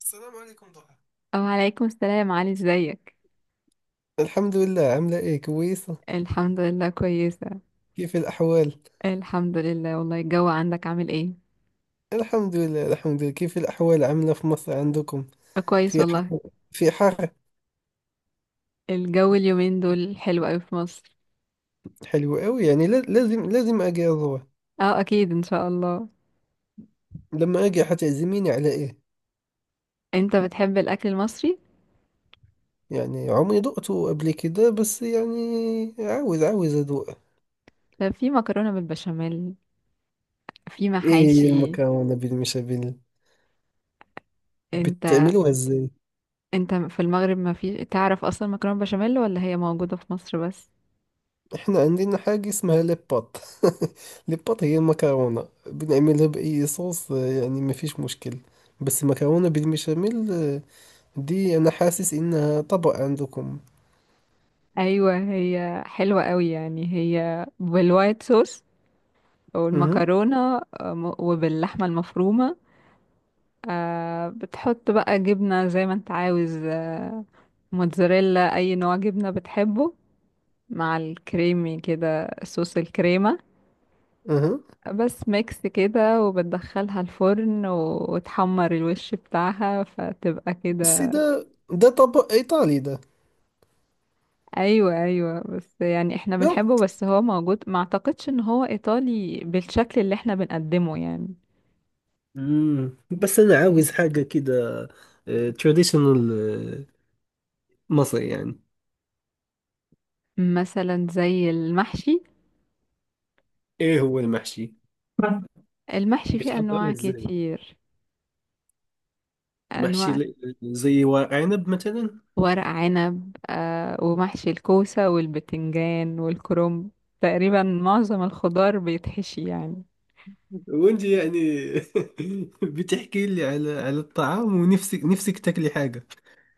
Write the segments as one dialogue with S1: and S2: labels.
S1: السلام عليكم، ضحى.
S2: أو عليكم السلام علي، ازيك؟
S1: الحمد لله. عاملة إيه؟ كويسة.
S2: الحمد لله كويسة.
S1: كيف الأحوال؟
S2: الحمد لله والله. الجو عندك عامل ايه؟
S1: الحمد لله، الحمد لله. كيف الأحوال عاملة في مصر عندكم؟
S2: كويس
S1: في
S2: والله.
S1: حر؟ في حر؟
S2: الجو اليومين دول حلو قوي في مصر.
S1: حلو أوي، يعني لازم أجي أزور.
S2: اه اكيد ان شاء الله.
S1: لما أجي حتعزميني على إيه؟
S2: انت بتحب الاكل المصري؟
S1: يعني عمري ذقته قبل كده، بس يعني عاوز أذوق.
S2: طب في مكرونة بالبشاميل، في
S1: إيه هي
S2: محاشي.
S1: المكرونة بالبشاميل؟
S2: انت
S1: بتعملوها إزاي؟
S2: انت في المغرب ما في تعرف اصلا مكرونة بشاميل، ولا هي موجودة في مصر بس؟
S1: احنا عندنا حاجة اسمها ليبات. ليبات هي المكرونة بنعملها بأي صوص، يعني ما فيش مشكل. بس المكرونة بالبشاميل، دي أنا حاسس إنها طبق عندكم.
S2: ايوه هي حلوة قوي، يعني هي بالوايت صوص
S1: أها.
S2: والمكرونة، وباللحمة المفرومة. آه بتحط بقى جبنة زي ما انت عاوز، آه موتزاريلا، اي نوع جبنة بتحبه، مع الكريمي كده صوص الكريمة.
S1: أها،
S2: بس ميكس كده، وبتدخلها الفرن وتحمر الوش بتاعها، فتبقى
S1: بس
S2: كده.
S1: ده طبق إيطالي ده.
S2: ايوه ايوه، بس يعني احنا
S1: لا.
S2: بنحبه، بس هو موجود. ما اعتقدش ان هو ايطالي بالشكل اللي احنا بنقدمه يعني.
S1: مم. بس أنا عاوز حاجة كده، تراديشنال، مصري يعني.
S2: مثلا زي المحشي.
S1: إيه هو المحشي؟
S2: المحشي فيه
S1: بتحضره
S2: انواع
S1: إزاي؟
S2: كتير،
S1: محشي
S2: انواع.
S1: زي ورق عنب مثلا؟
S2: ورق عنب، آه ومحشي الكوسة والبتنجان والكرنب. تقريبا معظم الخضار بيتحشي يعني.
S1: وانت يعني. بتحكي لي على الطعام، ونفسك نفسك تاكلي حاجة.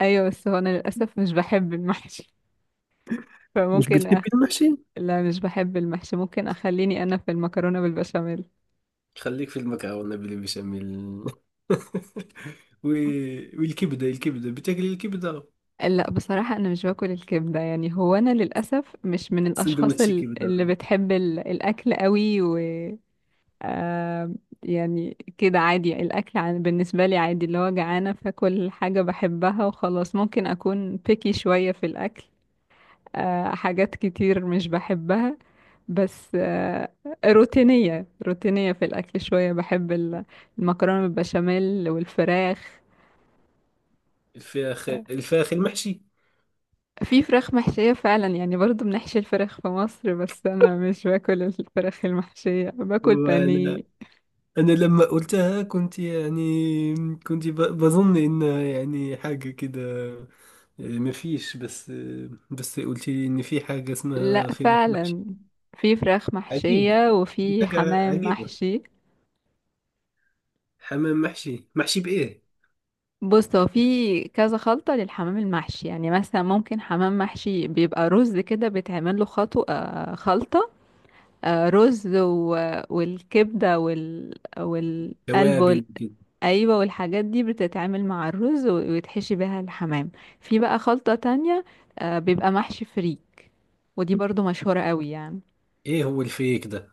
S2: أيوة بس هو أنا للأسف مش بحب المحشي.
S1: مش
S2: فممكن
S1: بتحبي
S2: أخ...
S1: المحشي؟
S2: لا مش بحب المحشي، ممكن أخليني أنا في المكرونة بالبشاميل.
S1: خليك في المكرونة بلي بشاميل. و... الكبدة، بتاكلي الكبدة؟
S2: لا بصراحة أنا مش باكل الكبدة، يعني هو أنا للأسف مش من الأشخاص
S1: سندوتش كبدة.
S2: اللي بتحب الأكل قوي و... آه يعني كده عادي الأكل بالنسبة لي عادي، اللي هو جعانة فاكل حاجة بحبها وخلاص. ممكن أكون بيكي شوية في الأكل، آه حاجات كتير مش بحبها، بس آه روتينية في الأكل شوية. بحب المكرونة بالبشاميل والفراخ.
S1: الفراخ، الفراخ المحشي.
S2: في فراخ محشية فعلا، يعني برضو بنحشي الفراخ في مصر، بس أنا مش باكل الفراخ المحشية، باكل بانيه.
S1: وانا، لما قلتها كنت يعني، كنت بظن انها يعني حاجة كده، ما فيش. بس بس قلت لي ان في حاجة
S2: لا
S1: اسمها فراخ محشي.
S2: فعلا في فراخ
S1: عجيب.
S2: محشية وفي
S1: حاجة
S2: حمام
S1: عجيبة.
S2: محشي.
S1: حمام محشي، محشي بإيه؟
S2: بص هو في كذا خلطة للحمام المحشي، يعني مثلا ممكن حمام محشي بيبقى رز كده، بيتعمل له خطو، خلطة، رز و... والكبدة وال... والقلب وال...
S1: توابل كده.
S2: ايوه والحاجات دي بتتعمل مع الرز ويتحشي بيها الحمام. في بقى خلطة تانية، بيبقى محشي فريك، ودي برضو مشهورة قوي يعني.
S1: إيه هو الفيك ده؟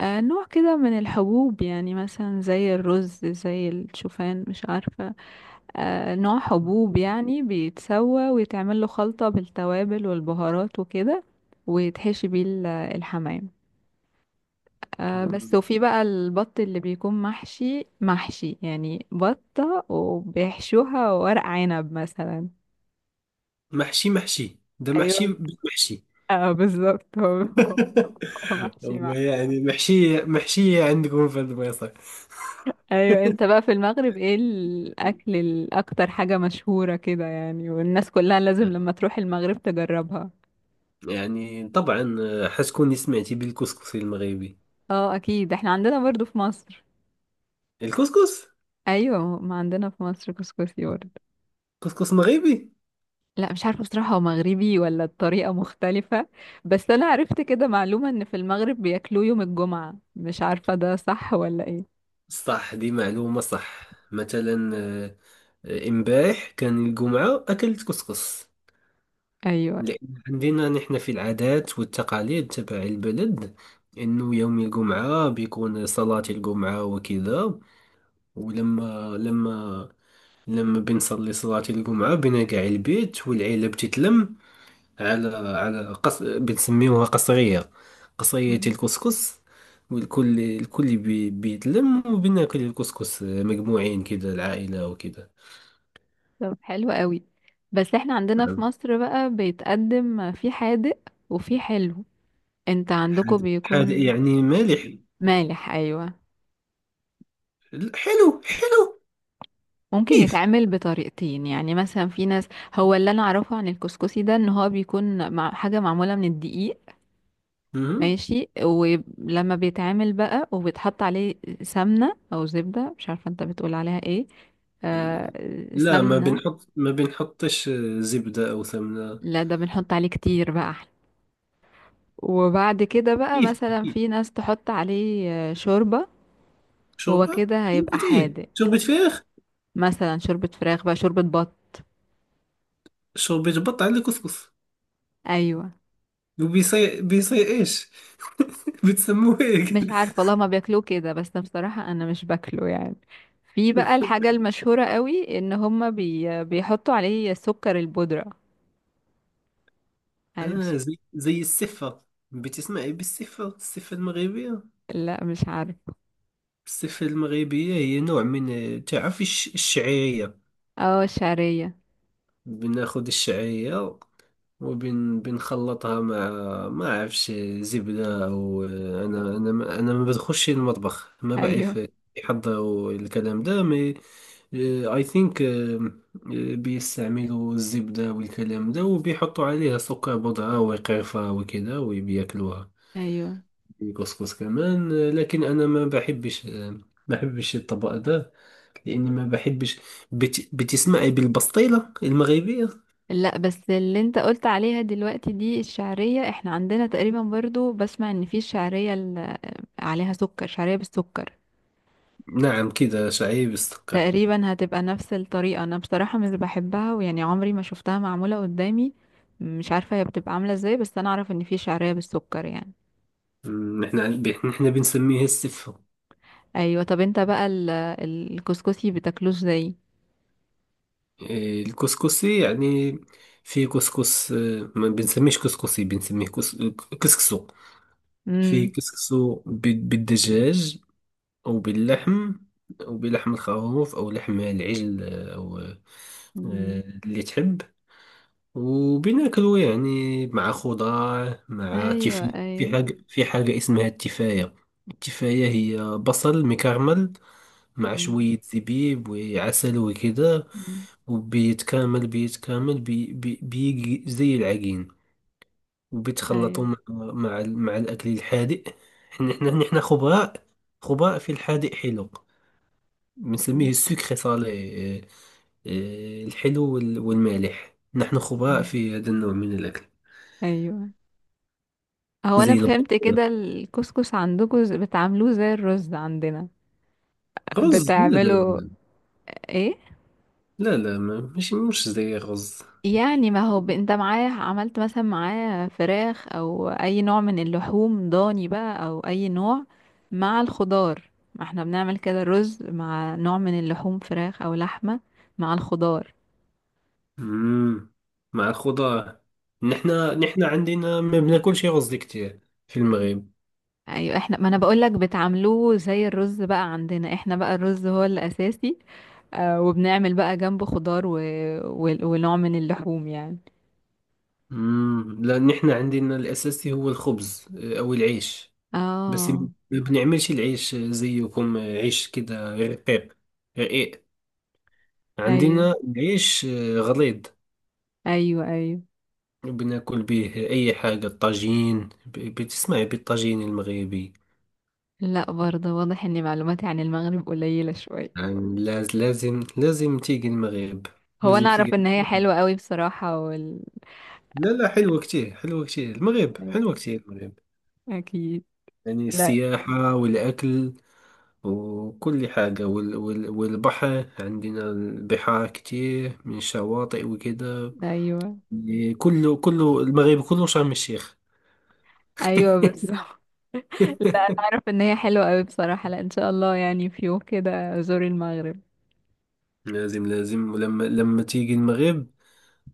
S2: نوع كده من الحبوب، يعني مثلا زي الرز زي الشوفان مش عارفة. نوع حبوب يعني، بيتسوى ويتعمل له خلطة بالتوابل والبهارات وكده، ويتحشي بيه الحمام، بس.
S1: مم.
S2: وفي بقى البط اللي بيكون محشي، محشي يعني بطة وبيحشوها ورق عنب مثلا.
S1: محشي، محشي ده محشي.
S2: ايوه.
S1: محشي.
S2: اه بالظبط هو، هو محشي.
S1: هو يعني محشية محشية عندكم في البيصة.
S2: ايوه انت بقى في المغرب ايه الاكل، الاكتر حاجة مشهورة كده يعني والناس كلها لازم لما تروح المغرب تجربها؟
S1: يعني طبعا، حتكوني سمعتي بالكسكس المغربي؟
S2: اه اكيد احنا عندنا برضو في مصر.
S1: الكسكس.
S2: ايوه ما عندنا في مصر كسكسي برضو.
S1: كسكس مغربي.
S2: لا مش عارفة بصراحة هو مغربي ولا الطريقة مختلفة، بس انا عرفت كده معلومة ان في المغرب بياكلوه يوم الجمعة، مش عارفة ده صح ولا ايه.
S1: صح، دي معلومة صح، مثلا امبارح كان الجمعة أكلت كسكس.
S2: ايوه.
S1: لأن عندنا نحن في العادات والتقاليد تبع البلد، إنه يوم الجمعة بيكون صلاة الجمعة وكذا. ولما لما لما بنصلي صلاة الجمعة، بنرجع البيت والعيلة بتتلم على بنسميوها قصرية، قصرية
S2: مم.
S1: الكسكس. الكل بيتلم وبناكل الكسكس مجموعين كذا، العائلة وكذا.
S2: طب حلو قوي. بس احنا عندنا في
S1: نعم.
S2: مصر بقى بيتقدم في حادق وفي حلو. انت عندكم
S1: هذا هذا
S2: بيكون
S1: يعني مالح.
S2: مالح؟ ايوه.
S1: حلو، حلو.
S2: ممكن
S1: كيف؟
S2: يتعمل بطريقتين، يعني مثلا في ناس. هو اللي انا اعرفه عن الكسكسي ده ان هو بيكون مع حاجه معموله من الدقيق، ماشي، ولما بيتعمل بقى وبيتحط عليه سمنه او زبده، مش عارفه انت بتقول عليها ايه، آه
S1: لا،
S2: سمنه.
S1: ما بنحطش، زبدة أو سمنة.
S2: لا ده بنحط عليه كتير بقى احلى. وبعد كده بقى
S1: كيف؟
S2: مثلا
S1: كيف؟
S2: في ناس تحط عليه شوربه. هو كده هيبقى
S1: شوربة إيه؟
S2: حادق،
S1: شوربة فراخ؟
S2: مثلا شوربه فراخ بقى، شوربه بط.
S1: شوربة بط على كسكس؟
S2: ايوه.
S1: وبيصير، إيش؟ بتسموه هيك؟
S2: مش عارفه والله ما بياكلوه كده، بس بصراحه انا مش باكله يعني. في بقى الحاجه المشهوره قوي ان هما بيحطوا عليه سكر البودره. عارف س-
S1: آه، زي السفة. بتسمعي بالسفة، السفة المغربية؟
S2: لا مش عارف.
S1: السفة المغربية هي نوع من، تعرف، الشعيرية.
S2: اه الشعريه.
S1: بناخد الشعيرية، وبنخلطها مع، ما عرفش، زبدة أو... أنا ما بدخلش المطبخ، ما
S2: ايوه
S1: بعرف يحضروا الكلام ده، مي، اي ثينك. بيستعملوا الزبدة والكلام ده، وبيحطوا عليها سكر بودرة وقرفة وكده، وبياكلوها
S2: ايوه.
S1: الكسكس كمان، لكن انا ما بحبش، ما بحبش الطبق ده، لاني ما بحبش. بتسمعي بالبسطيله المغربيه؟
S2: لا بس اللي انت قلت عليها دلوقتي دي الشعريه، احنا عندنا تقريبا برضو بسمع ان في الشعريه عليها سكر، شعريه بالسكر.
S1: نعم، كده شعري بالسكر.
S2: تقريبا هتبقى نفس الطريقة، انا بصراحة مش بحبها ويعني عمري ما شفتها معمولة قدامي، مش عارفة هي بتبقى عاملة ازاي، بس انا اعرف ان في شعرية بالسكر يعني.
S1: مم، احنا بنسميه السفه.
S2: ايوه. طب انت بقى الكسكسي بتاكلوش زي؟
S1: إيه، الكسكسي يعني، في كسكس، ما بنسميش كسكسي، بنسميه كسكسو. في
S2: امم.
S1: كسكسو بالدجاج، او باللحم، او بلحم الخروف، او لحم العجل، او
S2: أمم.
S1: اللي تحب. وبناكله يعني مع خضار، مع
S2: ايوه.
S1: تفاية. في
S2: ايوه.
S1: حاجة، اسمها التفاية. التفاية هي بصل مكرمل، مع
S2: أمم.
S1: شوية زبيب وعسل وكده.
S2: أمم.
S1: وبيتكامل، بيتكامل بي بي بيجي زي العجين، وبيتخلطوا
S2: ايوه.
S1: مع الأكل الحادق. احنا احنا نحن خبراء، خبراء في الحادق حلو. بنسميه
S2: أمم.
S1: السكر صالح. الحلو والمالح. نحن خبراء
S2: أمم.
S1: في هذا النوع من الأكل.
S2: ايوه. هو انا
S1: زي البطيخ.
S2: فهمت كده الكسكس عندكم بتعملوه زي الرز عندنا،
S1: رز؟ لا، لا،
S2: بتعملوا
S1: لا.
S2: ايه؟
S1: لا، لا، مش زي الرز.
S2: يعني ما هو انت معاه عملت مثلا معاه فراخ او اي نوع من اللحوم، ضاني بقى او اي نوع، مع الخضار. ما احنا بنعمل كده رز مع نوع من اللحوم فراخ او لحمة مع الخضار.
S1: امم. مع الخضار. نحنا عندنا ما بناكلش رز كتير في المغرب.
S2: ايوه احنا، ما انا بقولك بتعملوه زي الرز بقى، عندنا احنا بقى الرز هو الاساسي. آه وبنعمل بقى جنبه خضار و... و... ونوع من اللحوم يعني.
S1: امم، لا، نحنا عندنا الاساسي هو الخبز، او العيش. بس
S2: اه.
S1: ما بنعملش العيش زيكم، عيش كده رقيق، رقيق.
S2: ايوه
S1: عندنا العيش غليظ.
S2: ايوه ايوه.
S1: بناكل به اي حاجه. الطاجين بتسمعي بالطاجين المغربي؟
S2: لا برضه واضح ان معلوماتي عن المغرب قليلة شوية.
S1: يعني لازم تيجي المغرب،
S2: هو
S1: لازم
S2: انا اعرف
S1: تيجي.
S2: ان هي حلوة قوي بصراحة وال...
S1: لا، لا، حلوة كتير، حلوة كتير، المغرب حلوة كتير، المغرب.
S2: اكيد.
S1: يعني
S2: لا.
S1: السياحة والأكل، وكل حاجة، والبحر. عندنا البحار كتير من شواطئ وكده.
S2: ايوه
S1: يعني كله، كله المغرب، كله شرم الشيخ.
S2: ايوه بالظبط. لا انا اعرف ان هي حلوة قوي بصراحة، لا ان شاء الله يعني في يوم كده ازور المغرب.
S1: لازم، لازم. لما تيجي المغرب،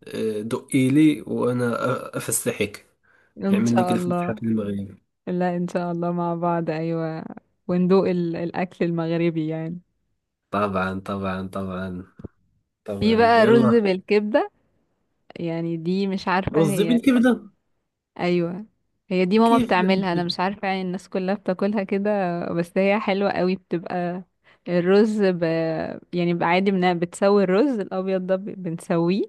S1: دقي لي وأنا أفسحك،
S2: ان
S1: نعمل لك
S2: شاء
S1: الفسحة
S2: الله.
S1: في المغرب.
S2: لا ان شاء الله مع بعض، ايوه وندوق ال... الاكل المغربي يعني.
S1: طبعا، طبعا، طبعا،
S2: في
S1: طبعا،
S2: بقى رز
S1: يلا.
S2: بالكبدة، يعني دي مش عارفة
S1: رز
S2: هي.
S1: بالكبدة؟
S2: ايوه. هي دي ماما
S1: كيف لا
S2: بتعملها، انا
S1: بالكبدة؟
S2: مش عارفه يعني الناس كلها بتاكلها كده، بس هي حلوه قوي بتبقى. الرز ب... يعني بقى عادي بتسوي الرز الابيض ده بنسويه،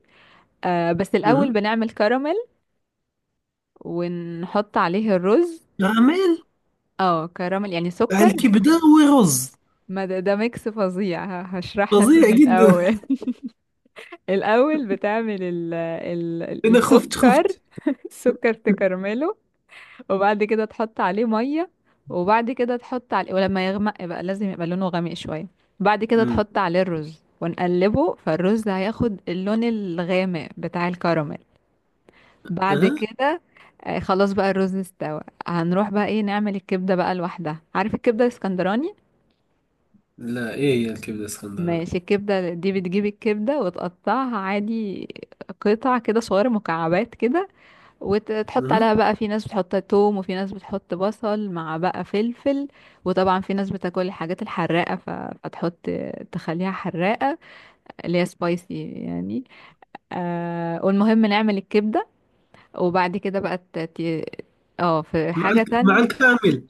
S2: آه بس الاول
S1: مهم.
S2: بنعمل كراميل، ونحط عليه الرز.
S1: غراميل؟
S2: اه كراميل يعني سكر.
S1: الكبدة ورز؟
S2: ما ده, ده ميكس فظيع، هشرح لك
S1: فظيع
S2: من
S1: جدا.
S2: الاول. الاول بتعمل
S1: أنا خفت،
S2: السكر،
S1: خفت.
S2: السكر تكرمله. وبعد كده تحط عليه ميه، وبعد كده تحط عليه ولما يغمق بقى، لازم يبقى لونه غامق شويه. بعد كده
S1: امم.
S2: تحط عليه الرز ونقلبه، فالرز هياخد اللون الغامق بتاع الكراميل. بعد
S1: اها.
S2: كده، خلاص بقى الرز استوى. هنروح بقى ايه، نعمل الكبده بقى لوحدها. عارف الكبده الاسكندراني؟
S1: لا، ايه هي الكبده اسكندراني؟
S2: ماشي. الكبده دي بتجيب الكبده وتقطعها عادي، قطع كده صغيره مكعبات كده. وتحط
S1: اها.
S2: عليها بقى، في ناس بتحط توم وفي ناس بتحط بصل، مع بقى فلفل. وطبعا في ناس بتاكل الحاجات الحراقة فتحط، تخليها حراقة اللي هي سبايسي يعني. آه والمهم نعمل الكبدة. وبعد كده بقى اه في حاجة
S1: مع
S2: تانية.
S1: الكامل.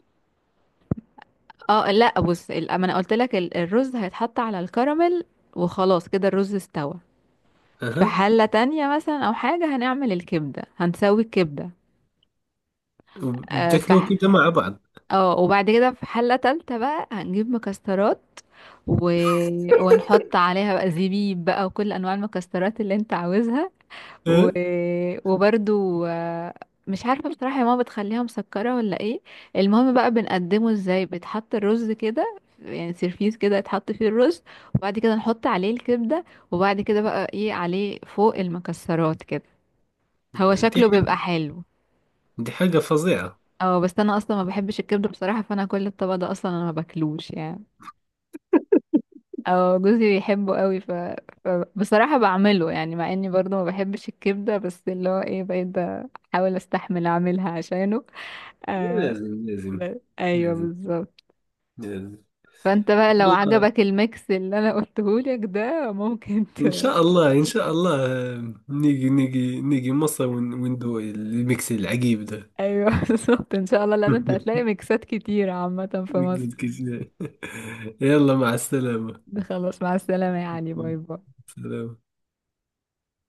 S2: اه لا بص ما انا قلت لك الرز هيتحط على الكراميل، وخلاص كده الرز استوى. في
S1: اها.
S2: حلة تانية مثلا او حاجة هنعمل الكبدة، هنسوي الكبدة، في.
S1: بتاكلوا كده مع بعض؟
S2: اه وبعد كده في حلة تالتة بقى هنجيب مكسرات و... ونحط عليها بقى زبيب بقى، وكل انواع المكسرات اللي انت عاوزها و...
S1: أه؟
S2: وبرضو آه، مش عارفة بصراحة يا ماما بتخليها مسكرة ولا ايه. المهم بقى بنقدمه ازاي، بتحط الرز كده يعني سيرفيس كده يتحط فيه الرز، وبعد كده نحط عليه الكبدة، وبعد كده بقى ايه عليه فوق المكسرات كده. هو
S1: دي
S2: شكله بيبقى
S1: حاجة،
S2: حلو.
S1: دي حاجة فظيعة.
S2: اه بس انا اصلا ما بحبش الكبدة بصراحة، فانا كل الطبق ده اصلا انا ما باكلوش يعني، او جوزي بيحبه قوي ف... فبصراحة بعمله، يعني مع اني برضه ما بحبش الكبدة، بس اللي هو ايه بقيت بحاول استحمل اعملها عشانه. آه...
S1: لازم، لازم.
S2: ايوه
S1: لازم.
S2: بالظبط.
S1: لازم.
S2: فانت بقى لو
S1: يلا،
S2: عجبك الميكس اللي انا قلتهولك ده ممكن ت...
S1: إن شاء الله، إن شاء الله، نيجي مصر، وندوق الميكس العجيب ده.
S2: ايوه بالظبط ان شاء الله، لان انت هتلاقي ميكسات كتير عامة في
S1: الميكس
S2: مصر.
S1: الكشري. يلا، مع السلامة.
S2: خلاص مع السلامة، يعني باي باي.
S1: سلام.